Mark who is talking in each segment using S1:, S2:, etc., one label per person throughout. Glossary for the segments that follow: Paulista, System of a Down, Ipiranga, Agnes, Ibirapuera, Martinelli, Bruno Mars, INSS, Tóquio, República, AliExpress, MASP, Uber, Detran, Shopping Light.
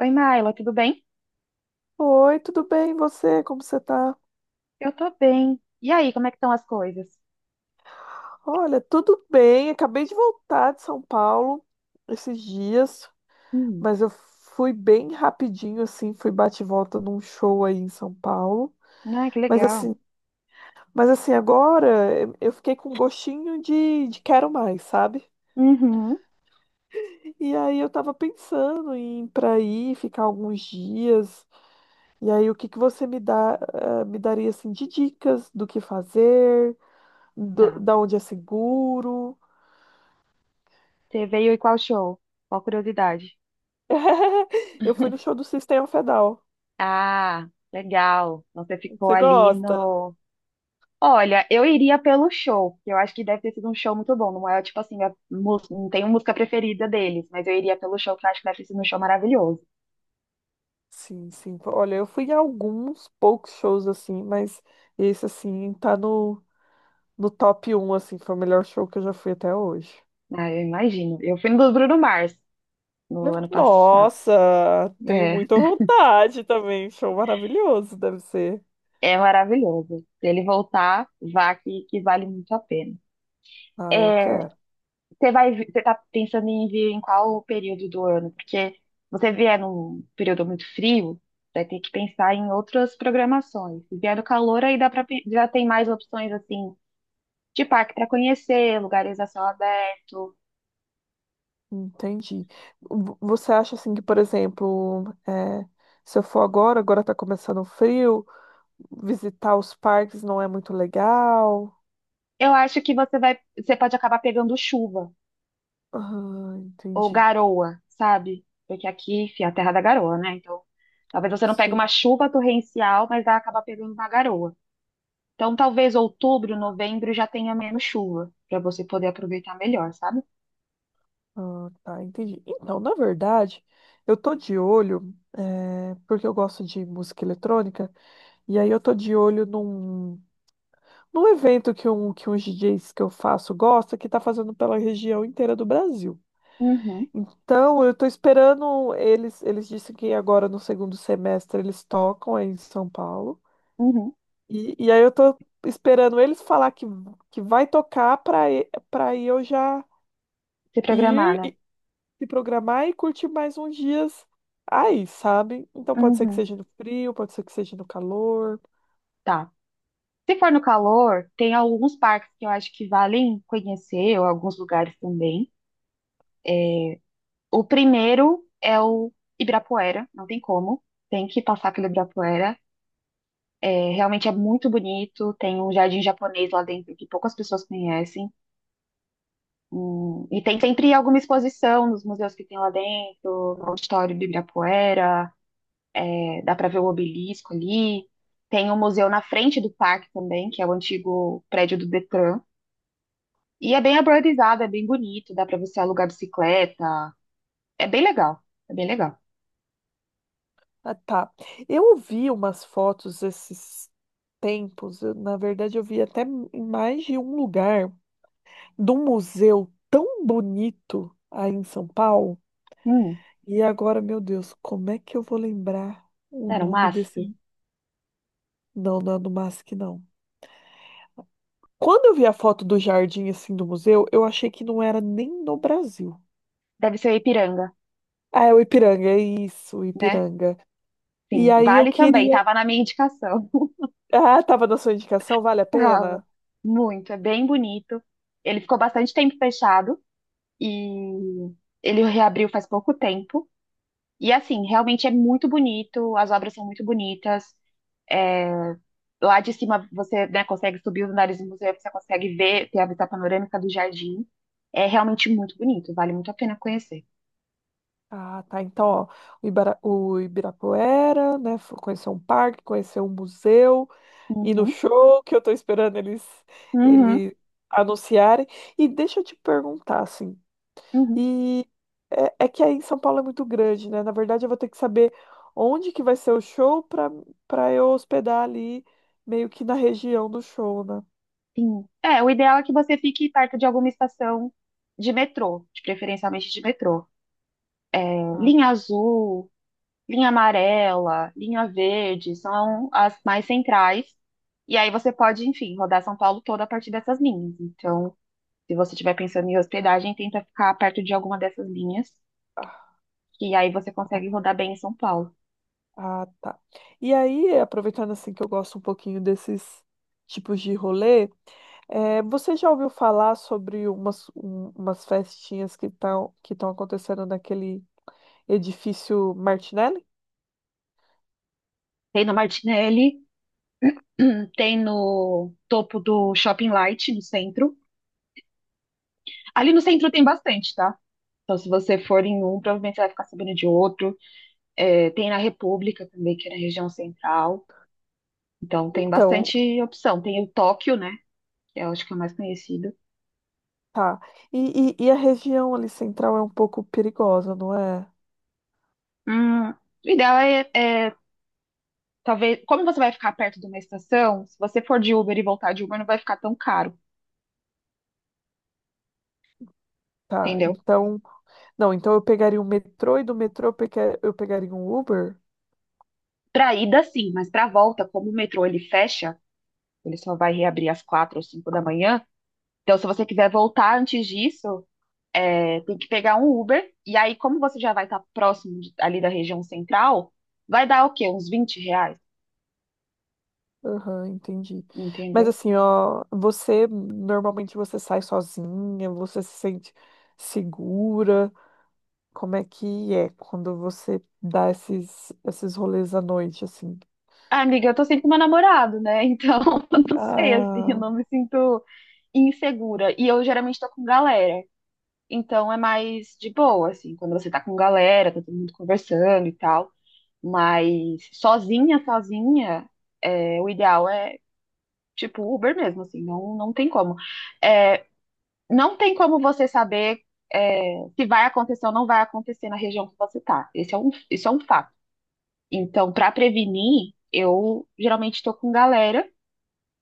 S1: Oi, Maila, tudo bem?
S2: Oi, tudo bem? E você? Como você tá?
S1: Eu tô bem. E aí, como é que estão as coisas?
S2: Olha, tudo bem. Acabei de voltar de São Paulo esses dias,
S1: Hum,
S2: mas eu fui bem rapidinho, assim, fui bate e volta num show aí em São Paulo.
S1: ah, que
S2: Mas
S1: legal.
S2: assim, mas assim, agora eu fiquei com um gostinho de quero mais, sabe?
S1: Uhum,
S2: E aí eu tava pensando em ir pra aí, ficar alguns dias. E aí o que que você me dá, me daria assim de dicas do que fazer,
S1: tá.
S2: da onde é seguro?
S1: Você veio e qual show? Qual curiosidade?
S2: Eu fui no show do System of a Down.
S1: Ah, legal. Então você ficou
S2: Você
S1: ali
S2: gosta?
S1: no. Olha, eu iria pelo show, porque eu acho que deve ter sido um show muito bom. Não é tipo assim, não tenho música preferida deles, mas eu iria pelo show, que eu acho que deve ter sido um show maravilhoso.
S2: Sim, sim. Olha, eu fui em alguns poucos shows assim, mas esse assim no top um assim, foi o melhor show que eu já fui até hoje.
S1: Ah, eu imagino. Eu fui no do Bruno Mars no ano passado.
S2: Nossa, tenho
S1: É.
S2: muita vontade também. Show maravilhoso, deve ser.
S1: É maravilhoso. Se ele voltar, vá que vale muito a pena.
S2: Ah, eu
S1: É,
S2: quero.
S1: você vai, você tá pensando em vir em qual período do ano? Porque se você vier num período muito frio, vai ter que pensar em outras programações. Se vier no calor, aí dá já tem mais opções assim de parque para conhecer, lugares a céu aberto.
S2: Entendi. Você acha assim que, por exemplo, se eu for agora, agora tá começando o frio, visitar os parques não é muito legal?
S1: Eu acho que você vai, você pode acabar pegando chuva
S2: Ah,
S1: ou
S2: entendi.
S1: garoa, sabe? Porque aqui, enfim, é a terra da garoa, né? Então, talvez você não pegue uma
S2: Sim.
S1: chuva torrencial, mas vai acabar pegando uma garoa. Então, talvez outubro, novembro já tenha menos chuva, para você poder aproveitar melhor, sabe?
S2: Ah, tá, entendi. Então, na verdade, eu tô de olho, porque eu gosto de música eletrônica, e aí eu tô de olho num evento que uns DJs que eu faço gosta, que tá fazendo pela região inteira do Brasil.
S1: Uhum,
S2: Então, eu tô esperando eles, eles disseram que agora no segundo semestre eles tocam aí em São Paulo.
S1: uhum.
S2: E aí eu tô esperando eles falar que vai tocar para eu já
S1: Se programar, né?
S2: ir se programar e curtir mais uns dias aí, sabe? Então pode ser que
S1: Uhum,
S2: seja no frio, pode ser que seja no calor.
S1: tá. Se for no calor, tem alguns parques que eu acho que valem conhecer, ou alguns lugares também. O primeiro é o Ibirapuera, não tem como, tem que passar pelo Ibirapuera. É, realmente é muito bonito, tem um jardim japonês lá dentro que poucas pessoas conhecem. E tem sempre alguma exposição nos museus que tem lá dentro, no auditório do Ibirapuera. É, dá para ver o obelisco ali. Tem um museu na frente do parque também, que é o antigo prédio do Detran. E é bem arborizado, é bem bonito, dá para você alugar bicicleta. É bem legal, é bem legal.
S2: Ah, tá. Eu vi umas fotos esses tempos, na verdade eu vi até em mais de um lugar, de um museu tão bonito aí em São Paulo.
S1: Hum,
S2: E agora, meu Deus, como é que eu vou lembrar o
S1: era o
S2: nome desse?
S1: MASP?
S2: Não, não é do MASP, não. Quando eu vi a foto do jardim assim do museu, eu achei que não era nem no Brasil.
S1: Deve ser o Ipiranga,
S2: Ah, é o Ipiranga, é isso, o
S1: né?
S2: Ipiranga. E
S1: Sim,
S2: aí eu
S1: vale também,
S2: queria.
S1: tava na minha indicação.
S2: Ah, tava na sua indicação, vale a
S1: Tava.
S2: pena?
S1: Muito, é bem bonito. Ele ficou bastante tempo fechado e ele reabriu faz pouco tempo. E assim, realmente é muito bonito, as obras são muito bonitas. é, Lá de cima você, né, consegue subir os andares do museu, você consegue ver, ter a vista panorâmica do jardim. É realmente muito bonito, vale muito a pena conhecer.
S2: Ah, tá. Então, ó, o o Ibirapuera, né? Conhecer um parque, conhecer um museu, ir no
S1: Uhum,
S2: show, que eu tô esperando eles,
S1: uhum,
S2: eles anunciarem. E deixa eu te perguntar, assim,
S1: uhum,
S2: e é, é que aí em São Paulo é muito grande, né? Na verdade, eu vou ter que saber onde que vai ser o show para eu hospedar ali, meio que na região do show, né?
S1: sim. É, o ideal é que você fique perto de alguma estação de metrô, de preferencialmente de metrô. É,
S2: Ah,
S1: linha azul, linha amarela, linha verde, são as mais centrais. E aí você pode, enfim, rodar São Paulo toda a partir dessas linhas. Então, se você estiver pensando em hospedagem, tenta ficar perto de alguma dessas linhas, que aí você consegue rodar bem em São Paulo.
S2: ah, tá. E aí, aproveitando assim que eu gosto um pouquinho desses tipos de rolê, você já ouviu falar sobre umas festinhas que estão acontecendo naquele edifício Martinelli?
S1: Tem no Martinelli, tem no topo do Shopping Light, no centro. Ali no centro tem bastante, tá? Então, se você for em um, provavelmente você vai ficar sabendo de outro. É, tem na República também, que é na região central. Então, tem
S2: Então,
S1: bastante opção. Tem o Tóquio, né? Que eu acho que é o mais conhecido.
S2: tá. E a região ali central é um pouco perigosa, não é?
S1: O ideal é, talvez, como você vai ficar perto de uma estação, se você for de Uber e voltar de Uber, não vai ficar tão caro,
S2: Tá.
S1: entendeu?
S2: Então, não, então eu pegaria um metrô e do metrô eu pegaria um Uber?
S1: Pra ida, sim, mas pra volta, como o metrô ele fecha, ele só vai reabrir às quatro ou cinco da manhã. Então, se você quiser voltar antes disso, tem que pegar um Uber. E aí, como você já vai estar próximo ali da região central, vai dar o quê? Uns R$ 20,
S2: Aham, entendi. Mas
S1: entendeu?
S2: assim, ó, você normalmente você sai sozinha, você se sente segura? Como é que é quando você dá esses rolês à noite assim?
S1: Ah, amiga, eu tô sempre com meu namorado, né? Então, eu não sei, assim, eu
S2: Ah,
S1: não me sinto insegura. E eu geralmente tô com galera. Então, é mais de boa, assim, quando você tá com galera, tá todo mundo conversando e tal. Mas sozinha, sozinha, o ideal é tipo, Uber mesmo, assim, não, não tem como. É, não tem como você saber, se vai acontecer ou não vai acontecer na região que você tá. Isso é um fato. Então, para prevenir, eu geralmente estou com galera,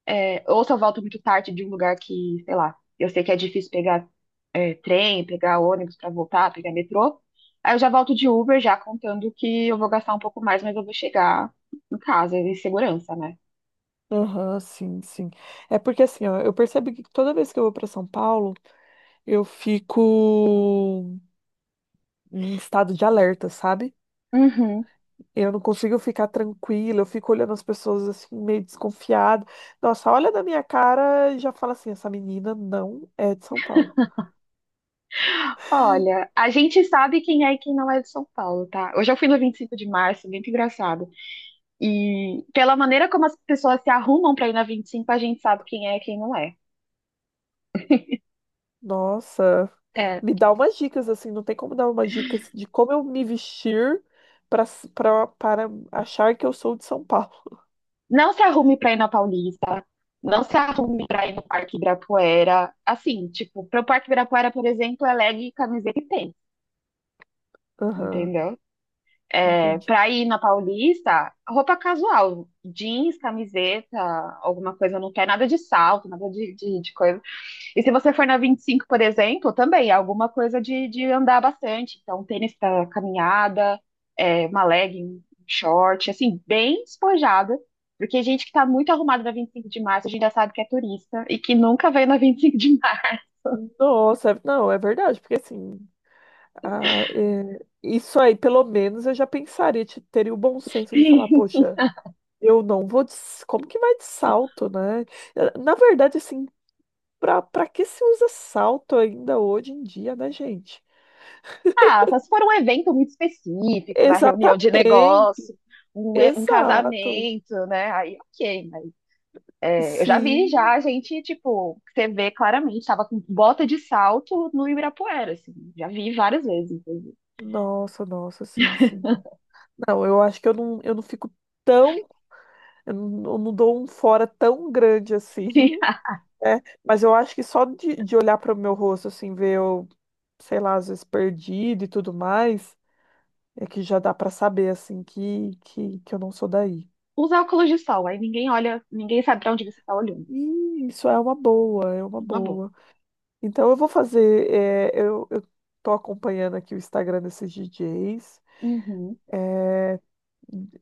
S1: ou se eu volto muito tarde de um lugar que, sei lá, eu sei que é difícil pegar, trem, pegar ônibus para voltar, pegar metrô. Aí eu já volto de Uber, já contando que eu vou gastar um pouco mais, mas eu vou chegar em casa, em segurança, né?
S2: aham, sim, sim. É porque assim, ó, eu percebo que toda vez que eu vou para São Paulo, eu fico em estado de alerta, sabe?
S1: Uhum.
S2: Eu não consigo ficar tranquila, eu fico olhando as pessoas assim, meio desconfiada. Nossa, olha na minha cara e já fala assim: essa menina não é de São Paulo.
S1: Olha, a gente sabe quem é e quem não é de São Paulo, tá? Hoje eu fui no 25 de Março, muito engraçado. E pela maneira como as pessoas se arrumam pra ir na 25, a gente sabe quem é e quem não é.
S2: Nossa,
S1: É,
S2: me dá umas dicas assim, não tem como dar umas dicas de como eu me vestir para pra, para achar que eu sou de São Paulo.
S1: não se arrume pra ir na Paulista, não se arrume pra ir no Parque Ibirapuera. Assim, tipo, pro Parque Ibirapuera, por exemplo, é camiseta e tênis,
S2: Aham,
S1: entendeu? É,
S2: entendi.
S1: pra ir na Paulista, roupa casual, jeans, camiseta, alguma coisa no pé, nada de salto, nada de coisa. E se você for na 25, por exemplo, também é alguma coisa de andar bastante. Então, tênis para caminhada, uma legging, um short, assim, bem despojada. Porque gente que tá muito arrumada na 25 de Março, a gente já sabe que é turista e que nunca veio na 25 de Março.
S2: Nossa, não, é verdade, porque assim. Ah, é, isso aí, pelo menos eu já pensaria, teria o bom senso de falar, poxa, eu não vou de, como que vai de salto, né? Na verdade, assim, pra que se usa salto ainda hoje em dia, né, gente?
S1: Ah, só se for um evento muito específico, na reunião de
S2: Exatamente,
S1: negócio, um
S2: exato.
S1: casamento, né? Aí, ok. Mas, eu já vi
S2: Sim,
S1: já gente, tipo, que você vê claramente, tava com bota de salto no Ibirapuera, assim. Já vi várias vezes, inclusive.
S2: nossa, nossa, sim, sim. Não, eu acho que eu não fico tão, eu não dou um fora tão grande assim. É, mas eu acho que só de olhar para o meu rosto, assim, ver eu, sei lá, às vezes perdido e tudo mais, é que já dá para saber, assim, que eu não sou daí.
S1: Usa óculos de sol, aí ninguém olha, ninguém sabe pra onde você tá olhando.
S2: E isso é uma boa, é uma
S1: Uma boa.
S2: boa. Então eu vou fazer, eu tô acompanhando aqui o Instagram desses DJs,
S1: Uhum,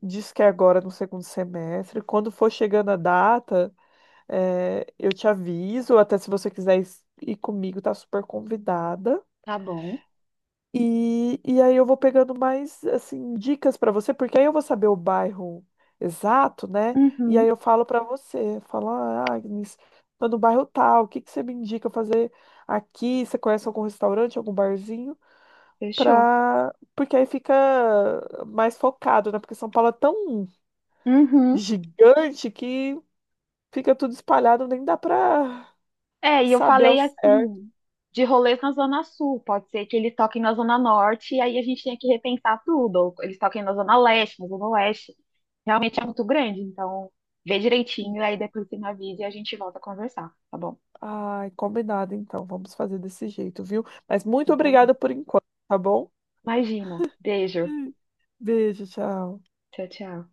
S2: diz que é agora no segundo semestre. Quando for chegando a data, eu te aviso, até se você quiser ir comigo, tá super convidada.
S1: tá bom,
S2: E aí eu vou pegando mais assim dicas para você, porque aí eu vou saber o bairro exato, né? E
S1: uhum,
S2: aí eu falo para você, falo, ah, Agnes, tô no bairro tal, o que que você me indica fazer aqui? Você conhece algum restaurante, algum barzinho?
S1: fechou.
S2: Pra... Porque aí fica mais focado, né? Porque São Paulo é tão
S1: Uhum.
S2: gigante que fica tudo espalhado, nem dá para
S1: É, e eu
S2: saber ao
S1: falei
S2: certo.
S1: assim, de rolês na Zona Sul, pode ser que eles toquem na Zona Norte, e aí a gente tem que repensar tudo, ou eles toquem na Zona Leste, na Zona Oeste. Realmente é muito grande, então vê direitinho, aí depois você me avisa e a gente volta a conversar, tá bom?
S2: Ai, combinado então. Vamos fazer desse jeito, viu? Mas
S1: Então
S2: muito
S1: tá bom.
S2: obrigada por enquanto, tá bom?
S1: Imagina, beijo,
S2: Beijo, tchau.
S1: tchau, tchau.